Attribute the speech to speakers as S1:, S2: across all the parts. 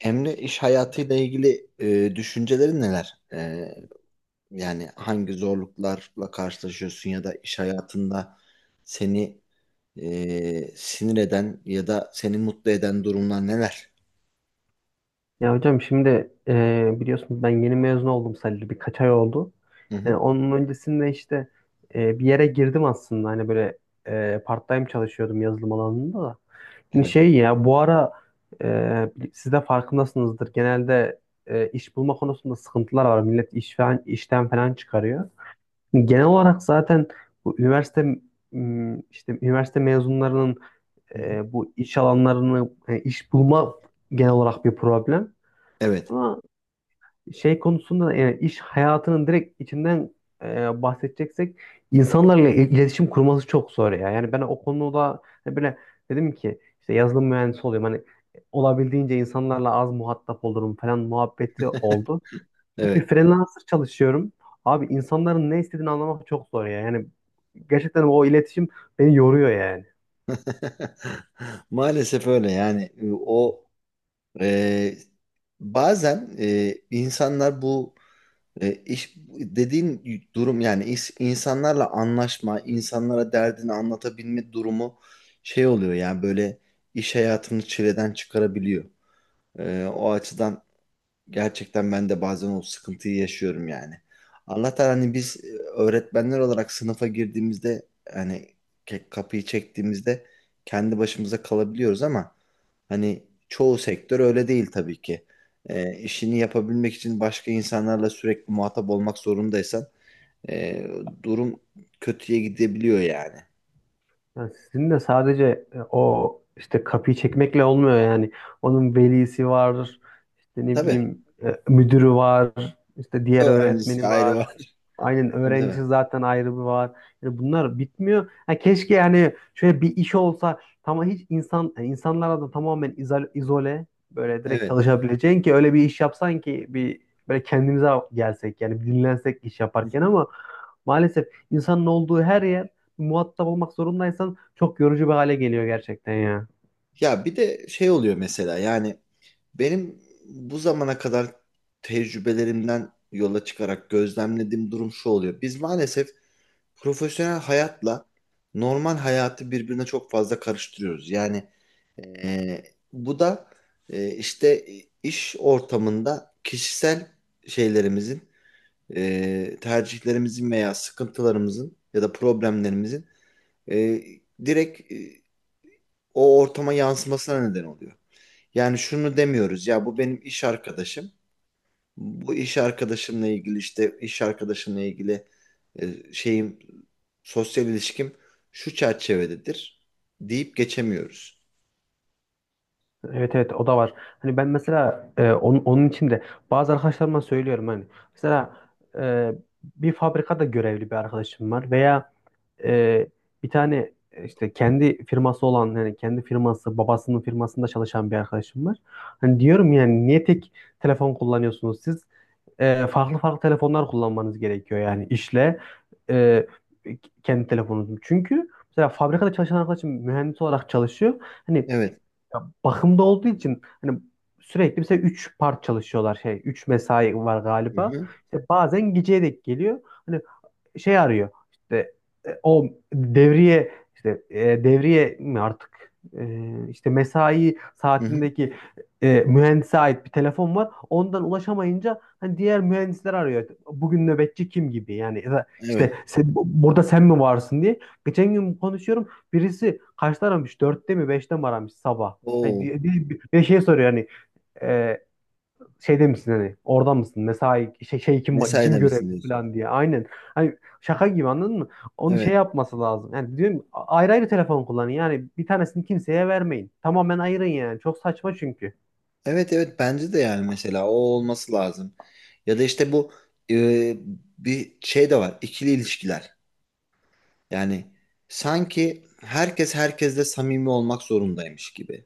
S1: Emre, iş hayatıyla ilgili düşüncelerin neler? Yani hangi zorluklarla karşılaşıyorsun ya da iş hayatında seni sinir eden ya da seni mutlu eden durumlar neler?
S2: Ya hocam şimdi biliyorsunuz ben yeni mezun oldum, sadece birkaç ay oldu.
S1: Hı hı.
S2: Onun öncesinde işte bir yere girdim aslında, hani böyle part-time çalışıyordum yazılım alanında da. Hani
S1: Evet.
S2: şey ya, bu ara siz de farkındasınızdır, genelde iş bulma konusunda sıkıntılar var. Millet iş falan, işten falan çıkarıyor. Hani genel olarak zaten bu üniversite işte üniversite mezunlarının
S1: Hı hı.
S2: bu iş alanlarını iş bulma genel olarak bir problem.
S1: Evet.
S2: Ama şey konusunda da, yani iş hayatının direkt içinden bahsedeceksek, insanlarla iletişim kurması çok zor ya. Yani ben o konuda hani böyle dedim ki işte yazılım mühendisi oluyorum. Hani olabildiğince insanlarla az muhatap olurum falan muhabbeti oldu. Şimdi
S1: Evet.
S2: freelancer çalışıyorum. Abi insanların ne istediğini anlamak çok zor ya. Yani gerçekten o iletişim beni yoruyor yani.
S1: Maalesef öyle yani. E, Bazen insanlar bu... iş dediğin durum, yani insanlarla anlaşma, insanlara derdini anlatabilme durumu şey oluyor yani, böyle iş hayatını çileden çıkarabiliyor. O açıdan gerçekten ben de bazen o sıkıntıyı yaşıyorum yani. Allah'tan hani biz öğretmenler olarak sınıfa girdiğimizde, hani, kapıyı çektiğimizde kendi başımıza kalabiliyoruz ama hani çoğu sektör öyle değil tabii ki. İşini yapabilmek için başka insanlarla sürekli muhatap olmak zorundaysan e, durum kötüye gidebiliyor yani.
S2: Yani sizin de sadece o işte kapıyı çekmekle olmuyor yani. Onun velisi vardır. İşte ne
S1: Tabii.
S2: bileyim, müdürü var, işte diğer
S1: Öğrencisi
S2: öğretmeni
S1: ayrı
S2: var.
S1: var.
S2: Aynen,
S1: Tabii, tabii.
S2: öğrencisi zaten ayrı bir var. Yani bunlar bitmiyor. Ha, keşke yani şöyle bir iş olsa, tamam hiç insan, yani insanlara da tamamen izole, böyle direkt
S1: Evet.
S2: çalışabileceğin, ki öyle bir iş yapsan ki bir böyle kendimize gelsek yani, bir dinlensek iş yaparken, ama maalesef insanın olduğu her yer, muhatap olmak zorundaysan çok yorucu bir hale geliyor gerçekten ya.
S1: Ya bir de şey oluyor mesela. Yani benim bu zamana kadar tecrübelerimden yola çıkarak gözlemlediğim durum şu oluyor: biz maalesef profesyonel hayatla normal hayatı birbirine çok fazla karıştırıyoruz. Yani e, bu da işte iş ortamında kişisel şeylerimizin, tercihlerimizin veya sıkıntılarımızın ya da problemlerimizin e, direkt o ortama yansımasına neden oluyor. Yani şunu demiyoruz ya: bu benim iş arkadaşım. Bu iş arkadaşımla ilgili, işte iş arkadaşımla ilgili şeyim, sosyal ilişkim şu çerçevededir deyip geçemiyoruz.
S2: Evet evet, o da var. Hani ben mesela onun için de bazı arkadaşlarıma söylüyorum hani. Mesela e, bir fabrikada görevli bir arkadaşım var, veya e, bir tane işte kendi firması olan, yani kendi firması babasının firmasında çalışan bir arkadaşım var. Hani diyorum yani, niye tek telefon kullanıyorsunuz siz? Farklı farklı telefonlar kullanmanız gerekiyor yani, işle e, kendi telefonunuzu. Çünkü mesela fabrikada çalışan arkadaşım mühendis olarak çalışıyor. Hani
S1: Evet.
S2: bakımda olduğu için hani sürekli, mesela 3 part çalışıyorlar, şey 3 mesai var
S1: Hı
S2: galiba.
S1: hı.
S2: İşte bazen geceye denk geliyor. Hani şey arıyor. İşte o devriye, işte devriye mi artık. E, işte mesai
S1: Hı hı.
S2: saatindeki mühendise ait bir telefon var. Ondan ulaşamayınca hani diğer mühendisler arıyor. Bugün nöbetçi kim gibi yani, ya da
S1: Evet.
S2: işte burada sen mi varsın diye. Geçen gün konuşuyorum. Birisi kaçta aramış? Dörtte mi beşte mi aramış sabah? Hani
S1: Oo,
S2: bir şey soruyor hani, e, şeyde misin, hani oradan mısın, mesai şey, kim
S1: mesaide
S2: kim görevli
S1: misin diyorsun.
S2: falan diye. Aynen, hani şaka gibi, anladın mı? Onu şey
S1: Evet.
S2: yapması lazım yani, diyorum ayrı ayrı telefon kullanın yani, bir tanesini kimseye vermeyin, tamamen ayırın yani. Çok saçma çünkü.
S1: Evet, evet, bence de yani mesela o olması lazım. Ya da işte bu, e, bir şey de var: İkili ilişkiler. Yani sanki herkes herkesle samimi olmak zorundaymış gibi.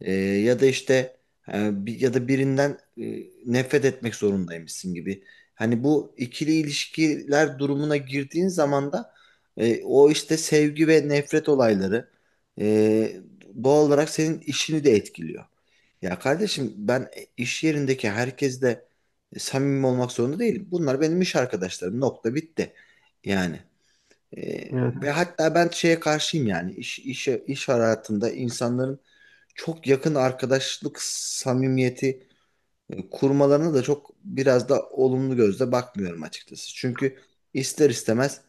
S1: Ya da işte ya da birinden nefret etmek zorundaymışsın gibi. Hani bu ikili ilişkiler durumuna girdiğin zaman da o işte sevgi ve nefret olayları e, doğal olarak senin işini de etkiliyor. Ya kardeşim, ben iş yerindeki herkesle samimi olmak zorunda değilim. Bunlar benim iş arkadaşlarım. Nokta, bitti. Yani.
S2: Evet.
S1: Ve hatta ben şeye karşıyım, yani iş hayatında insanların çok yakın arkadaşlık samimiyeti kurmalarına da çok, biraz da olumlu gözle bakmıyorum açıkçası. Çünkü ister istemez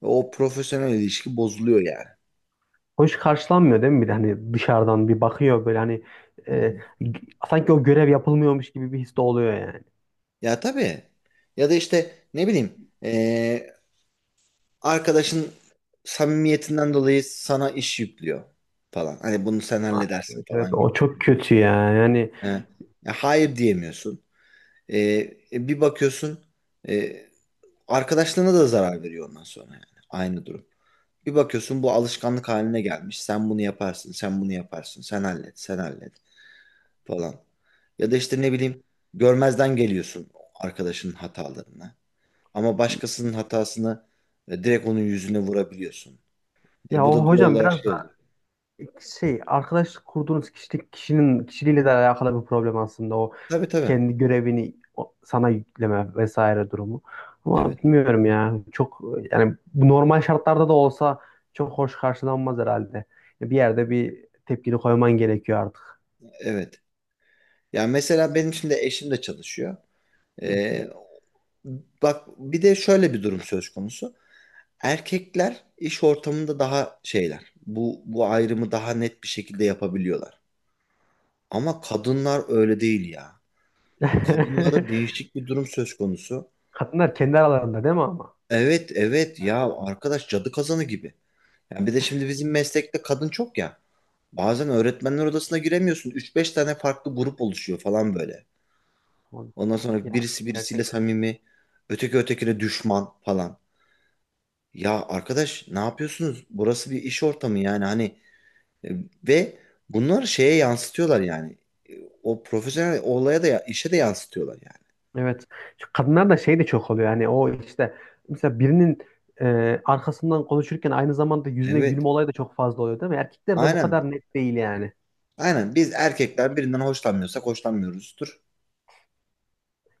S1: o profesyonel ilişki bozuluyor yani.
S2: Hoş karşılanmıyor değil mi, bir de hani dışarıdan bir bakıyor böyle, hani
S1: Hı
S2: e,
S1: hı.
S2: g- sanki o görev yapılmıyormuş gibi bir his de oluyor yani.
S1: Ya tabii. Ya da işte ne bileyim, arkadaşın samimiyetinden dolayı sana iş yüklüyor falan. Hani bunu sen
S2: Aa,
S1: halledersin
S2: evet evet,
S1: falan gibi.
S2: o çok kötü ya yani.
S1: He. Ya hayır diyemiyorsun. E, Bir bakıyorsun e, arkadaşlığına da zarar veriyor ondan sonra yani. Aynı durum. Bir bakıyorsun bu alışkanlık haline gelmiş: sen bunu yaparsın, sen bunu yaparsın, sen hallet, sen hallet falan. Ya da işte ne bileyim, görmezden geliyorsun arkadaşının hatalarına. Ama başkasının hatasını direkt onun yüzüne vurabiliyorsun. E,
S2: Ya
S1: bu
S2: o
S1: da doğal
S2: hocam
S1: olarak
S2: biraz
S1: şey oluyor.
S2: şey, arkadaş kurduğunuz kişinin kişiliğiyle de alakalı bir problem aslında,
S1: Tabii, tabii.
S2: kendi görevini sana yükleme vesaire durumu. Ama
S1: Evet.
S2: bilmiyorum ya, çok yani bu normal şartlarda da olsa çok hoş karşılanmaz herhalde. Bir yerde bir tepkini koyman gerekiyor artık.
S1: Evet. Yani mesela benim şimdi eşim de çalışıyor.
S2: Hı.
S1: E, Bak, bir de şöyle bir durum söz konusu. Erkekler iş ortamında daha şeyler. Bu ayrımı daha net bir şekilde yapabiliyorlar. Ama kadınlar öyle değil ya. Kadınlarda değişik bir durum söz konusu.
S2: Kadınlar kendi aralarında değil mi ama?
S1: Evet, evet, ya
S2: Evet.
S1: arkadaş cadı kazanı gibi. Yani bir de şimdi bizim meslekte kadın çok ya. Bazen öğretmenler odasına giremiyorsun. Üç beş tane farklı grup oluşuyor falan böyle.
S2: o-
S1: Ondan sonra
S2: Ya
S1: birisi birisiyle
S2: gerçekten.
S1: samimi, öteki ötekine düşman falan. Ya arkadaş, ne yapıyorsunuz? Burası bir iş ortamı yani, hani... E, Ve bunlar şeye yansıtıyorlar yani. E, O profesyonel olaya da, işe de yansıtıyorlar yani.
S2: Evet. Şu kadınlar da şey de çok oluyor. Yani o işte mesela birinin arkasından konuşurken aynı zamanda yüzüne
S1: Evet.
S2: gülme olayı da çok fazla oluyor değil mi? Erkekler de bu
S1: Aynen.
S2: kadar net değil yani.
S1: Aynen. Biz erkekler birinden hoşlanmıyorsak hoşlanmıyoruzdur.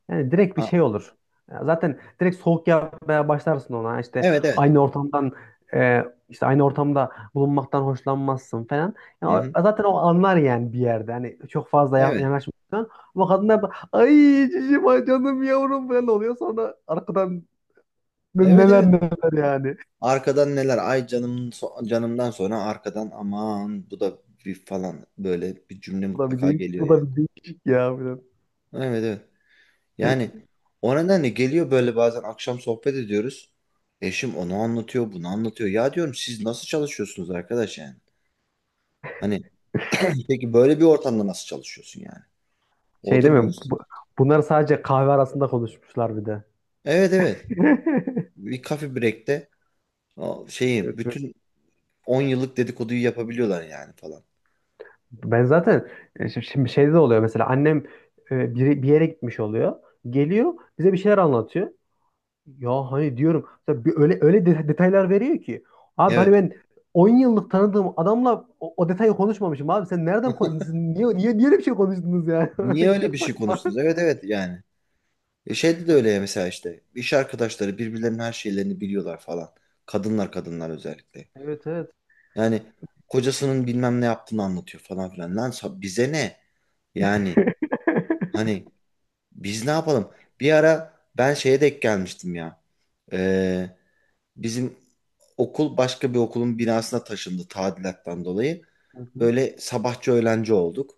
S2: Yani direkt bir
S1: A-
S2: şey olur. Ya zaten direkt soğuk yapmaya başlarsın ona. İşte
S1: evet, evet.
S2: aynı ortamdan aynı ortamda bulunmaktan hoşlanmazsın falan. Yani
S1: Hı-hı.
S2: zaten o anlar yani bir yerde. Hani çok fazla
S1: Evet.
S2: yanaşmıyorsun. Ama kadınlar da ay cicim, ay canım, yavrum falan oluyor. Sonra arkadan
S1: Evet,
S2: neler
S1: evet.
S2: neler yani.
S1: Arkadan neler? Ay canım, canımdan sonra arkadan aman bu da bir falan, böyle bir cümle
S2: Bu da bir
S1: mutlaka
S2: değişik,
S1: geliyor yani.
S2: ya, biraz.
S1: Evet, evet.
S2: Şey
S1: Yani o nedenle geliyor böyle. Bazen akşam sohbet ediyoruz. Eşim onu anlatıyor, bunu anlatıyor. Ya diyorum, siz nasıl çalışıyorsunuz arkadaş yani? Hani peki böyle bir ortamda nasıl çalışıyorsun yani? O
S2: şey değil
S1: da büyük.
S2: mi? Bunlar sadece kahve arasında konuşmuşlar bir de.
S1: Evet, evet. Bir kafe break'te o şeyi,
S2: Evet, evet.
S1: bütün 10 yıllık dedikoduyu yapabiliyorlar yani falan.
S2: Ben zaten şimdi şeyde de oluyor, mesela annem bir yere gitmiş oluyor. Geliyor bize bir şeyler anlatıyor. Ya hani diyorum, mesela bir öyle öyle detaylar veriyor ki. Abi hani
S1: Evet.
S2: ben 10 yıllık tanıdığım adamla o detayı konuşmamışım abi. Sen nereden siz niye niye öyle bir şey konuştunuz yani?
S1: Niye
S2: Çok
S1: öyle bir şey
S2: saçma.
S1: konuştunuz? Evet, evet yani. E, şeyde de öyle ya, mesela işte iş arkadaşları birbirlerinin her şeylerini biliyorlar falan. Kadınlar özellikle.
S2: Evet evet.
S1: Yani kocasının bilmem ne yaptığını anlatıyor falan filan. Lan, bize ne? Yani hani biz ne yapalım? Bir ara ben şeye denk gelmiştim ya. Ee, Bizim okul başka bir okulun binasına taşındı, tadilattan dolayı.
S2: Hı hı.
S1: Böyle sabahçı öğlenci olduk.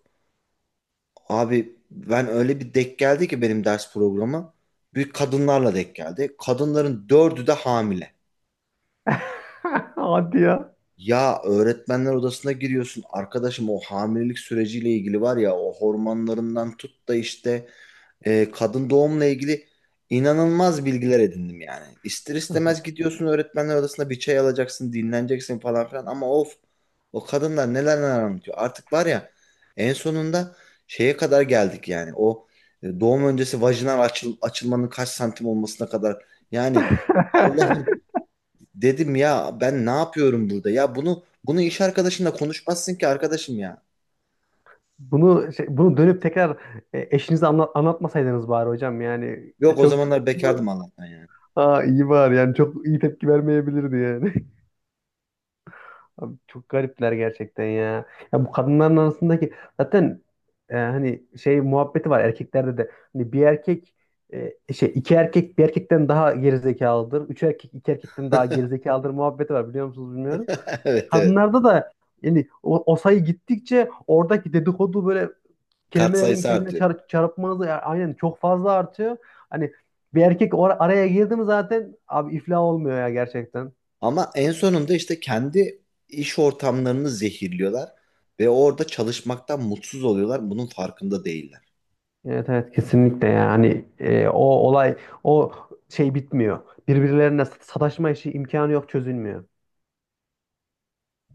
S1: Abi, ben öyle bir denk geldi ki benim ders programı. Büyük kadınlarla denk geldi. Kadınların dördü de hamile.
S2: Hadi ya.
S1: Ya öğretmenler odasına giriyorsun arkadaşım, o hamilelik süreciyle ilgili, var ya, o hormonlarından tut da işte kadın doğumla ilgili inanılmaz bilgiler edindim yani. İster
S2: Nasıl?
S1: istemez gidiyorsun öğretmenler odasına, bir çay alacaksın, dinleneceksin falan filan, ama of, o kadınlar neler neler anlatıyor. Artık var ya, en sonunda şeye kadar geldik yani, o doğum öncesi vajinal açılmanın kaç santim olmasına kadar yani. Allah. Dedim ya, ben ne yapıyorum burada? Ya bunu, bunu iş arkadaşınla konuşmazsın ki arkadaşım ya.
S2: Bunu şey, bunu dönüp tekrar eşinize anlatmasaydınız bari hocam yani,
S1: Yok, o
S2: çok.
S1: zamanlar bekardım Allah'tan yani.
S2: Aa, iyi var yani, çok iyi tepki vermeyebilirdi yani. Abi çok garipler gerçekten ya. Ya bu kadınların arasındaki zaten hani şey muhabbeti var, erkeklerde de. Hani bir erkek iki erkek bir erkekten daha gerizekalıdır. Üç erkek iki erkekten daha gerizekalıdır muhabbeti var, biliyor musunuz bilmiyorum.
S1: Evet, evet.
S2: Kadınlarda da yani o sayı gittikçe, oradaki dedikodu böyle
S1: Kat
S2: kelimelerin
S1: sayısı
S2: kendine
S1: artıyor.
S2: çarpması aynen çok fazla artıyor. Hani bir erkek araya girdi mi zaten abi iflah olmuyor ya gerçekten.
S1: Ama en sonunda işte kendi iş ortamlarını zehirliyorlar ve orada çalışmaktan mutsuz oluyorlar. Bunun farkında değiller.
S2: Evet evet, kesinlikle yani. Hani, o olay, o şey bitmiyor. Birbirlerine sataşma işi, imkanı yok çözülmüyor.